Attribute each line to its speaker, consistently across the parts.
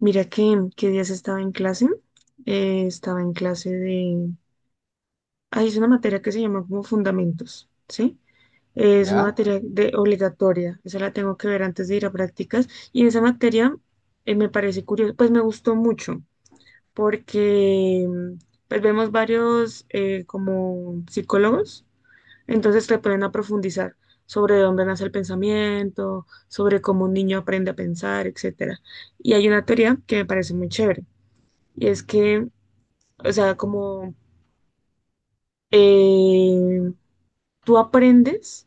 Speaker 1: Mira que, qué días estaba en clase. Estaba en clase de... Ahí es una materia que se llama como fundamentos, ¿sí? Es una
Speaker 2: ¿Ya?
Speaker 1: materia de obligatoria. Esa la tengo que ver antes de ir a prácticas. Y esa materia me parece curiosa, pues me gustó mucho porque pues vemos varios como psicólogos, entonces te ponen a profundizar sobre de dónde nace el pensamiento, sobre cómo un niño aprende a pensar, etcétera. Y hay una teoría que me parece muy chévere y es que, o sea, como eh, tú aprendes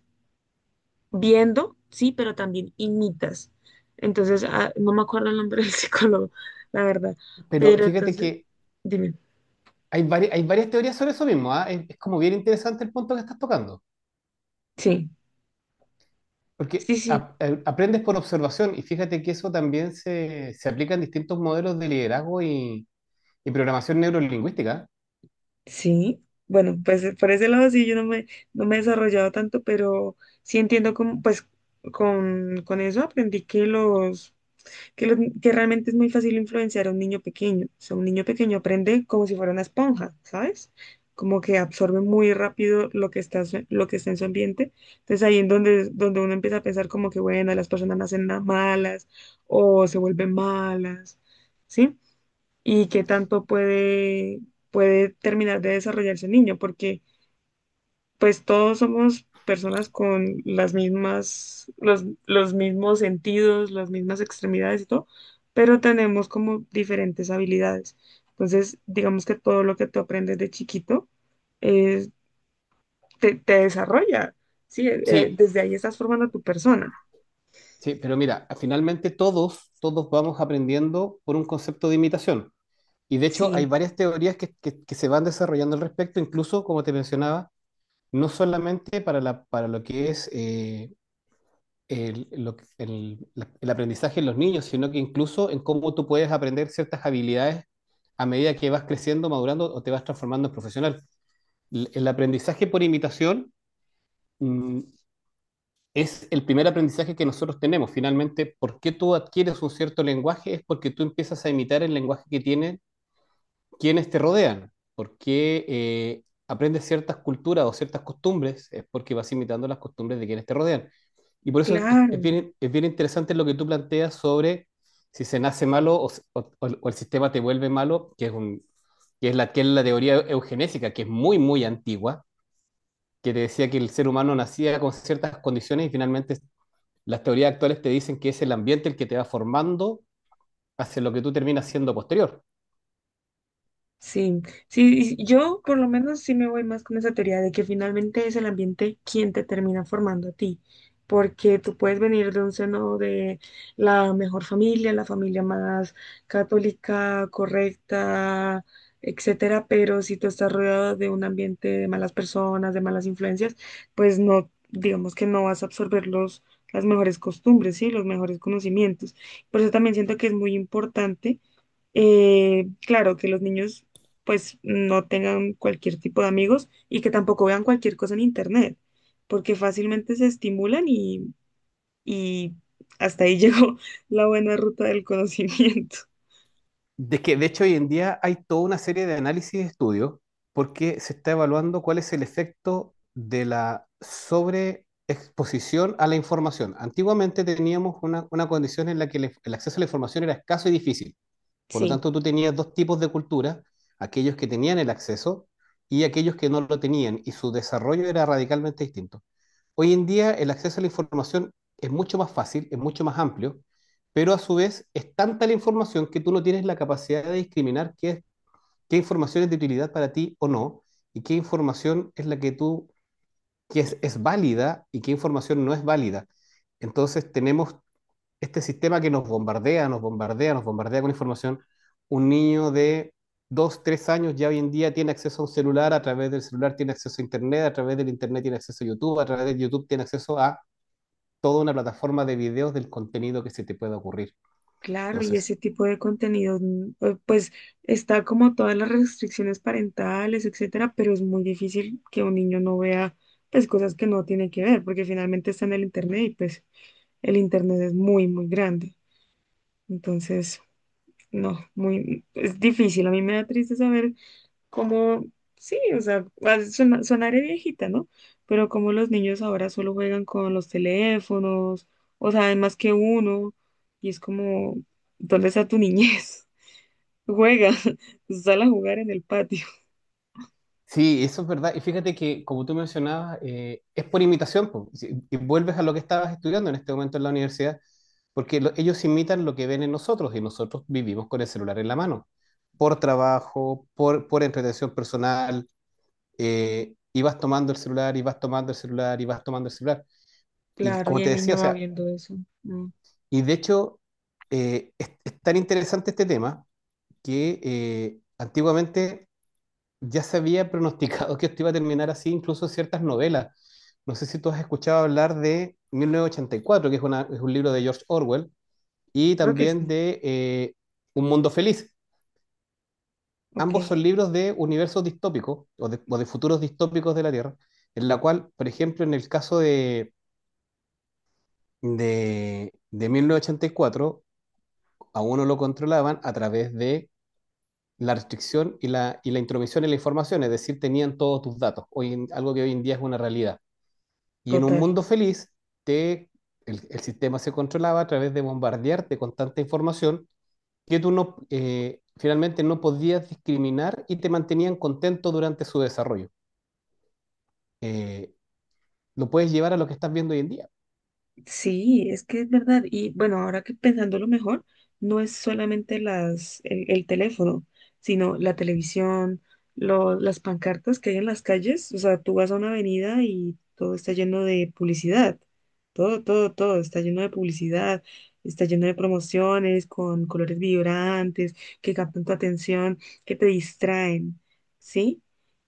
Speaker 1: viendo, sí, pero también imitas. Entonces, no me acuerdo el nombre del psicólogo, la verdad.
Speaker 2: Pero
Speaker 1: Pero
Speaker 2: fíjate
Speaker 1: entonces,
Speaker 2: que
Speaker 1: dime.
Speaker 2: hay varias teorías sobre eso mismo, ¿ah? Es como bien interesante el punto que estás tocando,
Speaker 1: Sí,
Speaker 2: porque
Speaker 1: sí, sí,
Speaker 2: aprendes por observación y fíjate que eso también se aplica en distintos modelos de liderazgo y programación neurolingüística.
Speaker 1: sí. Bueno, pues por ese lado sí, yo no me, no me he desarrollado tanto, pero sí entiendo cómo pues, con eso aprendí que que realmente es muy fácil influenciar a un niño pequeño. O sea, un niño pequeño aprende como si fuera una esponja, ¿sabes? Como que absorbe muy rápido lo que está en su ambiente. Entonces ahí es donde, donde uno empieza a pensar como que, bueno, las personas nacen malas o se vuelven malas, ¿sí? Y qué tanto puede, puede terminar de desarrollarse el niño, porque pues todos somos personas con los mismos sentidos, las mismas extremidades y todo, pero tenemos como diferentes habilidades. Entonces, digamos que todo lo que tú aprendes de chiquito eh, te desarrolla, ¿sí?
Speaker 2: Sí,
Speaker 1: Desde ahí estás formando a tu persona.
Speaker 2: sí, pero mira, finalmente todos vamos aprendiendo por un concepto de imitación. Y de hecho hay
Speaker 1: Sí,
Speaker 2: varias teorías que se van desarrollando al respecto, incluso, como te mencionaba, no solamente para lo que es... el, lo el- la- el aprendizaje en los niños, sino que incluso en cómo tú puedes aprender ciertas habilidades a medida que vas creciendo, madurando o te vas transformando en profesional. El aprendizaje por imitación, mm, es el primer aprendizaje que nosotros tenemos. Finalmente, ¿por qué tú adquieres un cierto lenguaje? Es porque tú empiezas a imitar el lenguaje que tienen quienes te rodean, porque aprendes ciertas culturas o ciertas costumbres, es porque vas imitando las costumbres de quienes te rodean. Y por eso
Speaker 1: claro.
Speaker 2: es bien interesante lo que tú planteas sobre si se nace malo o el sistema te vuelve malo, que es la teoría eugenésica, que es muy antigua, que te decía que el ser humano nacía con ciertas condiciones y finalmente las teorías actuales te dicen que es el ambiente el que te va formando hacia lo que tú terminas siendo posterior.
Speaker 1: Sí, sí, y yo por lo menos sí me voy más con esa teoría de que finalmente es el ambiente quien te termina formando a ti, porque tú puedes venir de un seno de la mejor familia, la familia más católica, correcta, etcétera, pero si tú estás rodeado de un ambiente de malas personas, de malas influencias, pues no, digamos que no vas a absorber las mejores costumbres, sí, los mejores conocimientos. Por eso también siento que es muy importante claro, que los niños pues no tengan cualquier tipo de amigos y que tampoco vean cualquier cosa en internet, porque fácilmente se estimulan y hasta ahí llegó la buena ruta del conocimiento.
Speaker 2: De que de hecho hoy en día hay toda una serie de análisis y estudios porque se está evaluando cuál es el efecto de la sobreexposición a la información. Antiguamente teníamos una condición en la que el acceso a la información era escaso y difícil. Por lo
Speaker 1: Sí,
Speaker 2: tanto, tú tenías dos tipos de cultura, aquellos que tenían el acceso y aquellos que no lo tenían, y su desarrollo era radicalmente distinto. Hoy en día el acceso a la información es mucho más fácil, es mucho más amplio, pero a su vez es tanta la información que tú no tienes la capacidad de discriminar qué información es de utilidad para ti o no, y qué información es la que es válida y qué información no es válida. Entonces tenemos este sistema que nos bombardea con información. Un niño de dos, tres años ya hoy en día tiene acceso a un celular, a través del celular tiene acceso a Internet, a través del Internet tiene acceso a YouTube, a través de YouTube tiene acceso a toda una plataforma de videos del contenido que se te pueda ocurrir.
Speaker 1: claro, y
Speaker 2: Entonces,
Speaker 1: ese tipo de contenidos, pues está como todas las restricciones parentales, etcétera, pero es muy difícil que un niño no vea pues cosas que no tiene que ver, porque finalmente está en el internet y pues el internet es muy, muy grande. Entonces, no, muy, es difícil. A mí me da triste saber cómo, sí, o sea, sonaré viejita, ¿no? Pero como los niños ahora solo juegan con los teléfonos, o sea, hay más que uno, y es como, ¿dónde está tu niñez? Juega, sal a jugar en el patio.
Speaker 2: Sí, eso es verdad. Y fíjate que, como tú mencionabas, es por imitación. Po. Si- Y vuelves a lo que estabas estudiando en este momento en la universidad, porque ellos imitan lo que ven en nosotros y nosotros vivimos con el celular en la mano, por trabajo, por entretención personal, y vas tomando el celular, y vas tomando el celular, y vas tomando el celular. Y
Speaker 1: Claro, y
Speaker 2: como te
Speaker 1: el
Speaker 2: decía,
Speaker 1: niño
Speaker 2: o
Speaker 1: va
Speaker 2: sea,
Speaker 1: viendo eso. Mm,
Speaker 2: y de hecho, es tan interesante este tema que antiguamente ya se había pronosticado que esto iba a terminar así, incluso ciertas novelas. No sé si tú has escuchado hablar de 1984, es un libro de George Orwell, y
Speaker 1: creo que
Speaker 2: también
Speaker 1: sí.
Speaker 2: de Un Mundo Feliz.
Speaker 1: Ok,
Speaker 2: Ambos son libros de universos distópicos o de futuros distópicos de la Tierra, en la cual, por ejemplo, en el caso de 1984, a uno lo controlaban a través de la restricción y y la intromisión en la información, es decir, tenían todos tus datos, algo que hoy en día es una realidad. Y en un
Speaker 1: total.
Speaker 2: mundo feliz, te, el sistema se controlaba a través de bombardearte con tanta información que tú finalmente no podías discriminar y te mantenían contento durante su desarrollo. Eh, lo puedes llevar a lo que estás viendo hoy en día.
Speaker 1: Sí, es que es verdad. Y bueno, ahora que pensándolo mejor, no es solamente el teléfono, sino la televisión, las pancartas que hay en las calles. O sea, tú vas a una avenida y todo está lleno de publicidad. Todo, todo, todo está lleno de publicidad, está lleno de promociones con colores vibrantes que captan tu atención, que te distraen, ¿sí?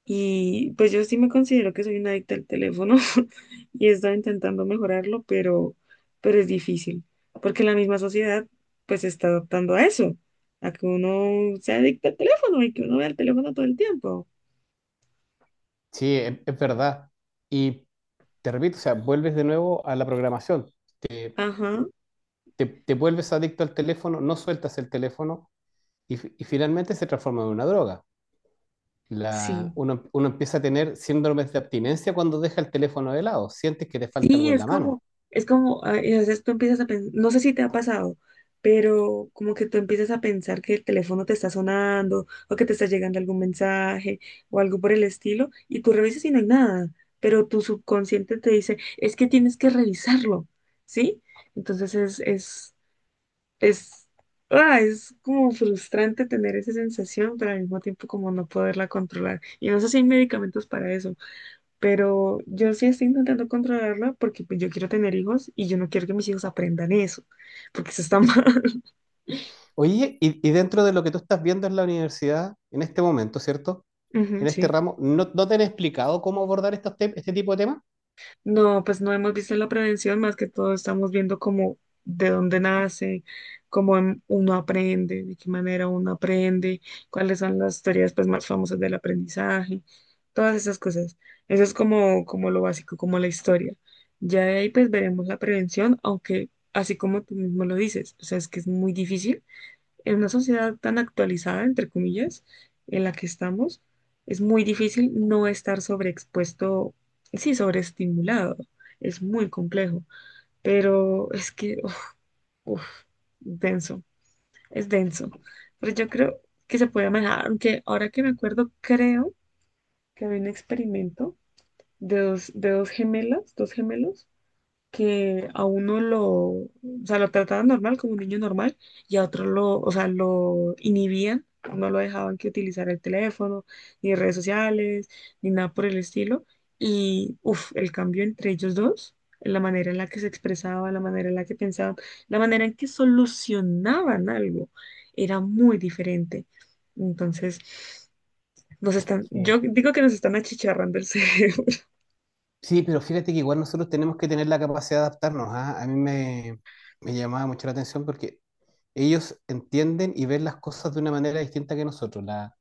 Speaker 1: Y pues yo sí me considero que soy una adicta al teléfono. Y he estado intentando mejorarlo, pero es difícil, porque la misma sociedad pues se está adaptando a eso, a que uno se adicta al teléfono y que uno vea el teléfono todo el tiempo.
Speaker 2: Sí, es verdad. Y te repito, o sea, vuelves de nuevo a la programación.
Speaker 1: Ajá,
Speaker 2: Te vuelves adicto al teléfono, no sueltas el teléfono y, y finalmente se transforma en una droga.
Speaker 1: sí.
Speaker 2: Uno empieza a tener síndromes de abstinencia cuando deja el teléfono de lado, sientes que te falta
Speaker 1: Sí,
Speaker 2: algo en la mano.
Speaker 1: es como, a veces tú empiezas a pensar, no sé si te ha pasado, pero como que tú empiezas a pensar que el teléfono te está sonando o que te está llegando algún mensaje o algo por el estilo y tú revisas y no hay nada, pero tu subconsciente te dice, es que tienes que revisarlo, ¿sí? Entonces es, es como frustrante tener esa sensación, pero al mismo tiempo como no poderla controlar. Y no sé si hay medicamentos para eso, pero yo sí estoy intentando controlarla porque pues, yo quiero tener hijos y yo no quiero que mis hijos aprendan eso, porque eso está mal.
Speaker 2: Oye, y dentro de lo que tú estás viendo en la universidad, en este momento, ¿cierto?
Speaker 1: Ujú,
Speaker 2: En este
Speaker 1: sí.
Speaker 2: ramo, no te han explicado cómo abordar este tipo de temas?
Speaker 1: No, pues no hemos visto la prevención, más que todo estamos viendo como de dónde nace, uno aprende, de qué manera uno aprende, cuáles son las teorías pues más famosas del aprendizaje, todas esas cosas. Eso es como, como lo básico, como la historia. Ya de ahí pues veremos la prevención, aunque así como tú mismo lo dices, o sea, es que es muy difícil en una sociedad tan actualizada, entre comillas, en la que estamos, es muy difícil no estar sobreexpuesto, sí, sobreestimulado. Es muy complejo, pero es que, uf, uf, denso, es denso. Pero yo creo que se puede manejar, aunque ahora que me acuerdo, creo que había un experimento de de dos gemelas, dos gemelos, que a uno lo, o sea, lo trataban normal, como un niño normal, y a otro lo inhibían, no lo dejaban que utilizara el teléfono, ni redes sociales, ni nada por el estilo. Y, uff, el cambio entre ellos dos, la manera en la que se expresaban, la manera en la que pensaban, la manera en que solucionaban algo, era muy diferente. Entonces, nos están,
Speaker 2: Sí,
Speaker 1: yo digo que nos están achicharrando el cerebro.
Speaker 2: sí, pero fíjate que igual nosotros tenemos que tener la capacidad de adaptarnos, ¿ah? Me llamaba mucho la atención porque ellos entienden y ven las cosas de una manera distinta que nosotros. La-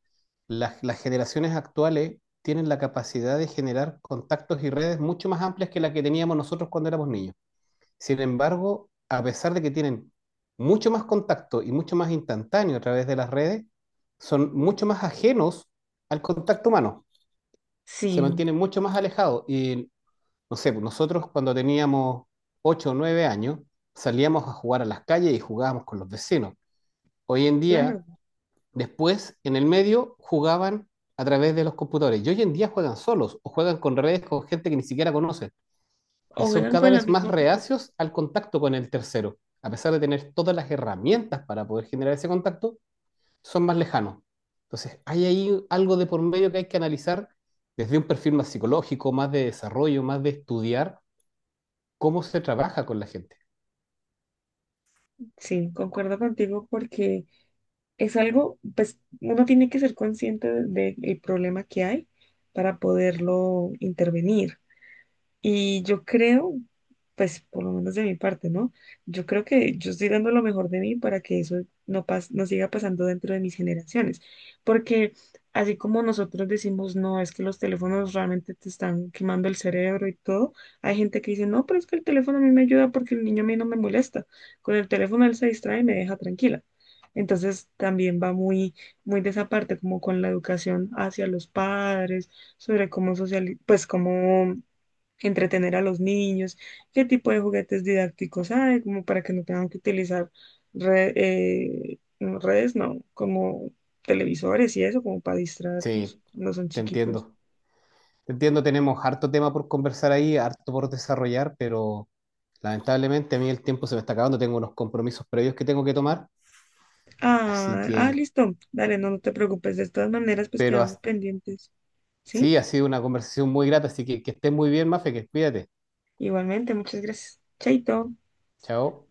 Speaker 2: las, Las generaciones actuales tienen la capacidad de generar contactos y redes mucho más amplias que la que teníamos nosotros cuando éramos niños. Sin embargo, a pesar de que tienen mucho más contacto y mucho más instantáneo a través de las redes, son mucho más ajenos al contacto humano. Se
Speaker 1: Sí,
Speaker 2: mantienen mucho más alejados y no sé, pues nosotros cuando teníamos 8 o nueve años salíamos a jugar a las calles y jugábamos con los vecinos. Hoy en
Speaker 1: claro.
Speaker 2: día, después, en el medio, jugaban a través de los computadores. Y hoy en día juegan solos o juegan con redes con gente que ni siquiera conocen.
Speaker 1: O
Speaker 2: Y son
Speaker 1: juegan
Speaker 2: cada
Speaker 1: con la
Speaker 2: vez más
Speaker 1: misma computadora.
Speaker 2: reacios al contacto con el tercero. A pesar de tener todas las herramientas para poder generar ese contacto, son más lejanos. Entonces, hay ahí algo de por medio que hay que analizar desde un perfil más psicológico, más de desarrollo, más de estudiar cómo se trabaja con la gente.
Speaker 1: Sí, concuerdo contigo porque es algo, pues uno tiene que ser consciente del problema que hay para poderlo intervenir. Y yo creo, pues por lo menos de mi parte, ¿no? Yo creo que yo estoy dando lo mejor de mí para que eso no siga pasando dentro de mis generaciones. Porque así como nosotros decimos, no, es que los teléfonos realmente te están quemando el cerebro y todo, hay gente que dice, no, pero es que el teléfono a mí me ayuda porque el niño a mí no me molesta. Con el teléfono él se distrae y me deja tranquila. Entonces también va muy, muy de esa parte, como con la educación hacia los padres, sobre cómo socializar, pues cómo entretener a los niños, qué tipo de juguetes didácticos hay, como para que no tengan que utilizar re- no, redes, no, como televisores y eso, como para distraerlos
Speaker 2: Sí,
Speaker 1: cuando son
Speaker 2: te
Speaker 1: chiquitos.
Speaker 2: entiendo. Te entiendo, tenemos harto tema por conversar ahí, harto por desarrollar, pero lamentablemente a mí el tiempo se me está acabando, tengo unos compromisos previos que tengo que tomar, así
Speaker 1: Ah, ah,
Speaker 2: que,
Speaker 1: listo, dale, no, no te preocupes, de todas maneras, pues
Speaker 2: pero
Speaker 1: quedamos
Speaker 2: as-
Speaker 1: pendientes, ¿sí?
Speaker 2: sí, ha sido una conversación muy grata, así que estés muy bien, Mafe, que cuídate.
Speaker 1: Igualmente, muchas gracias. Chaito.
Speaker 2: Chao.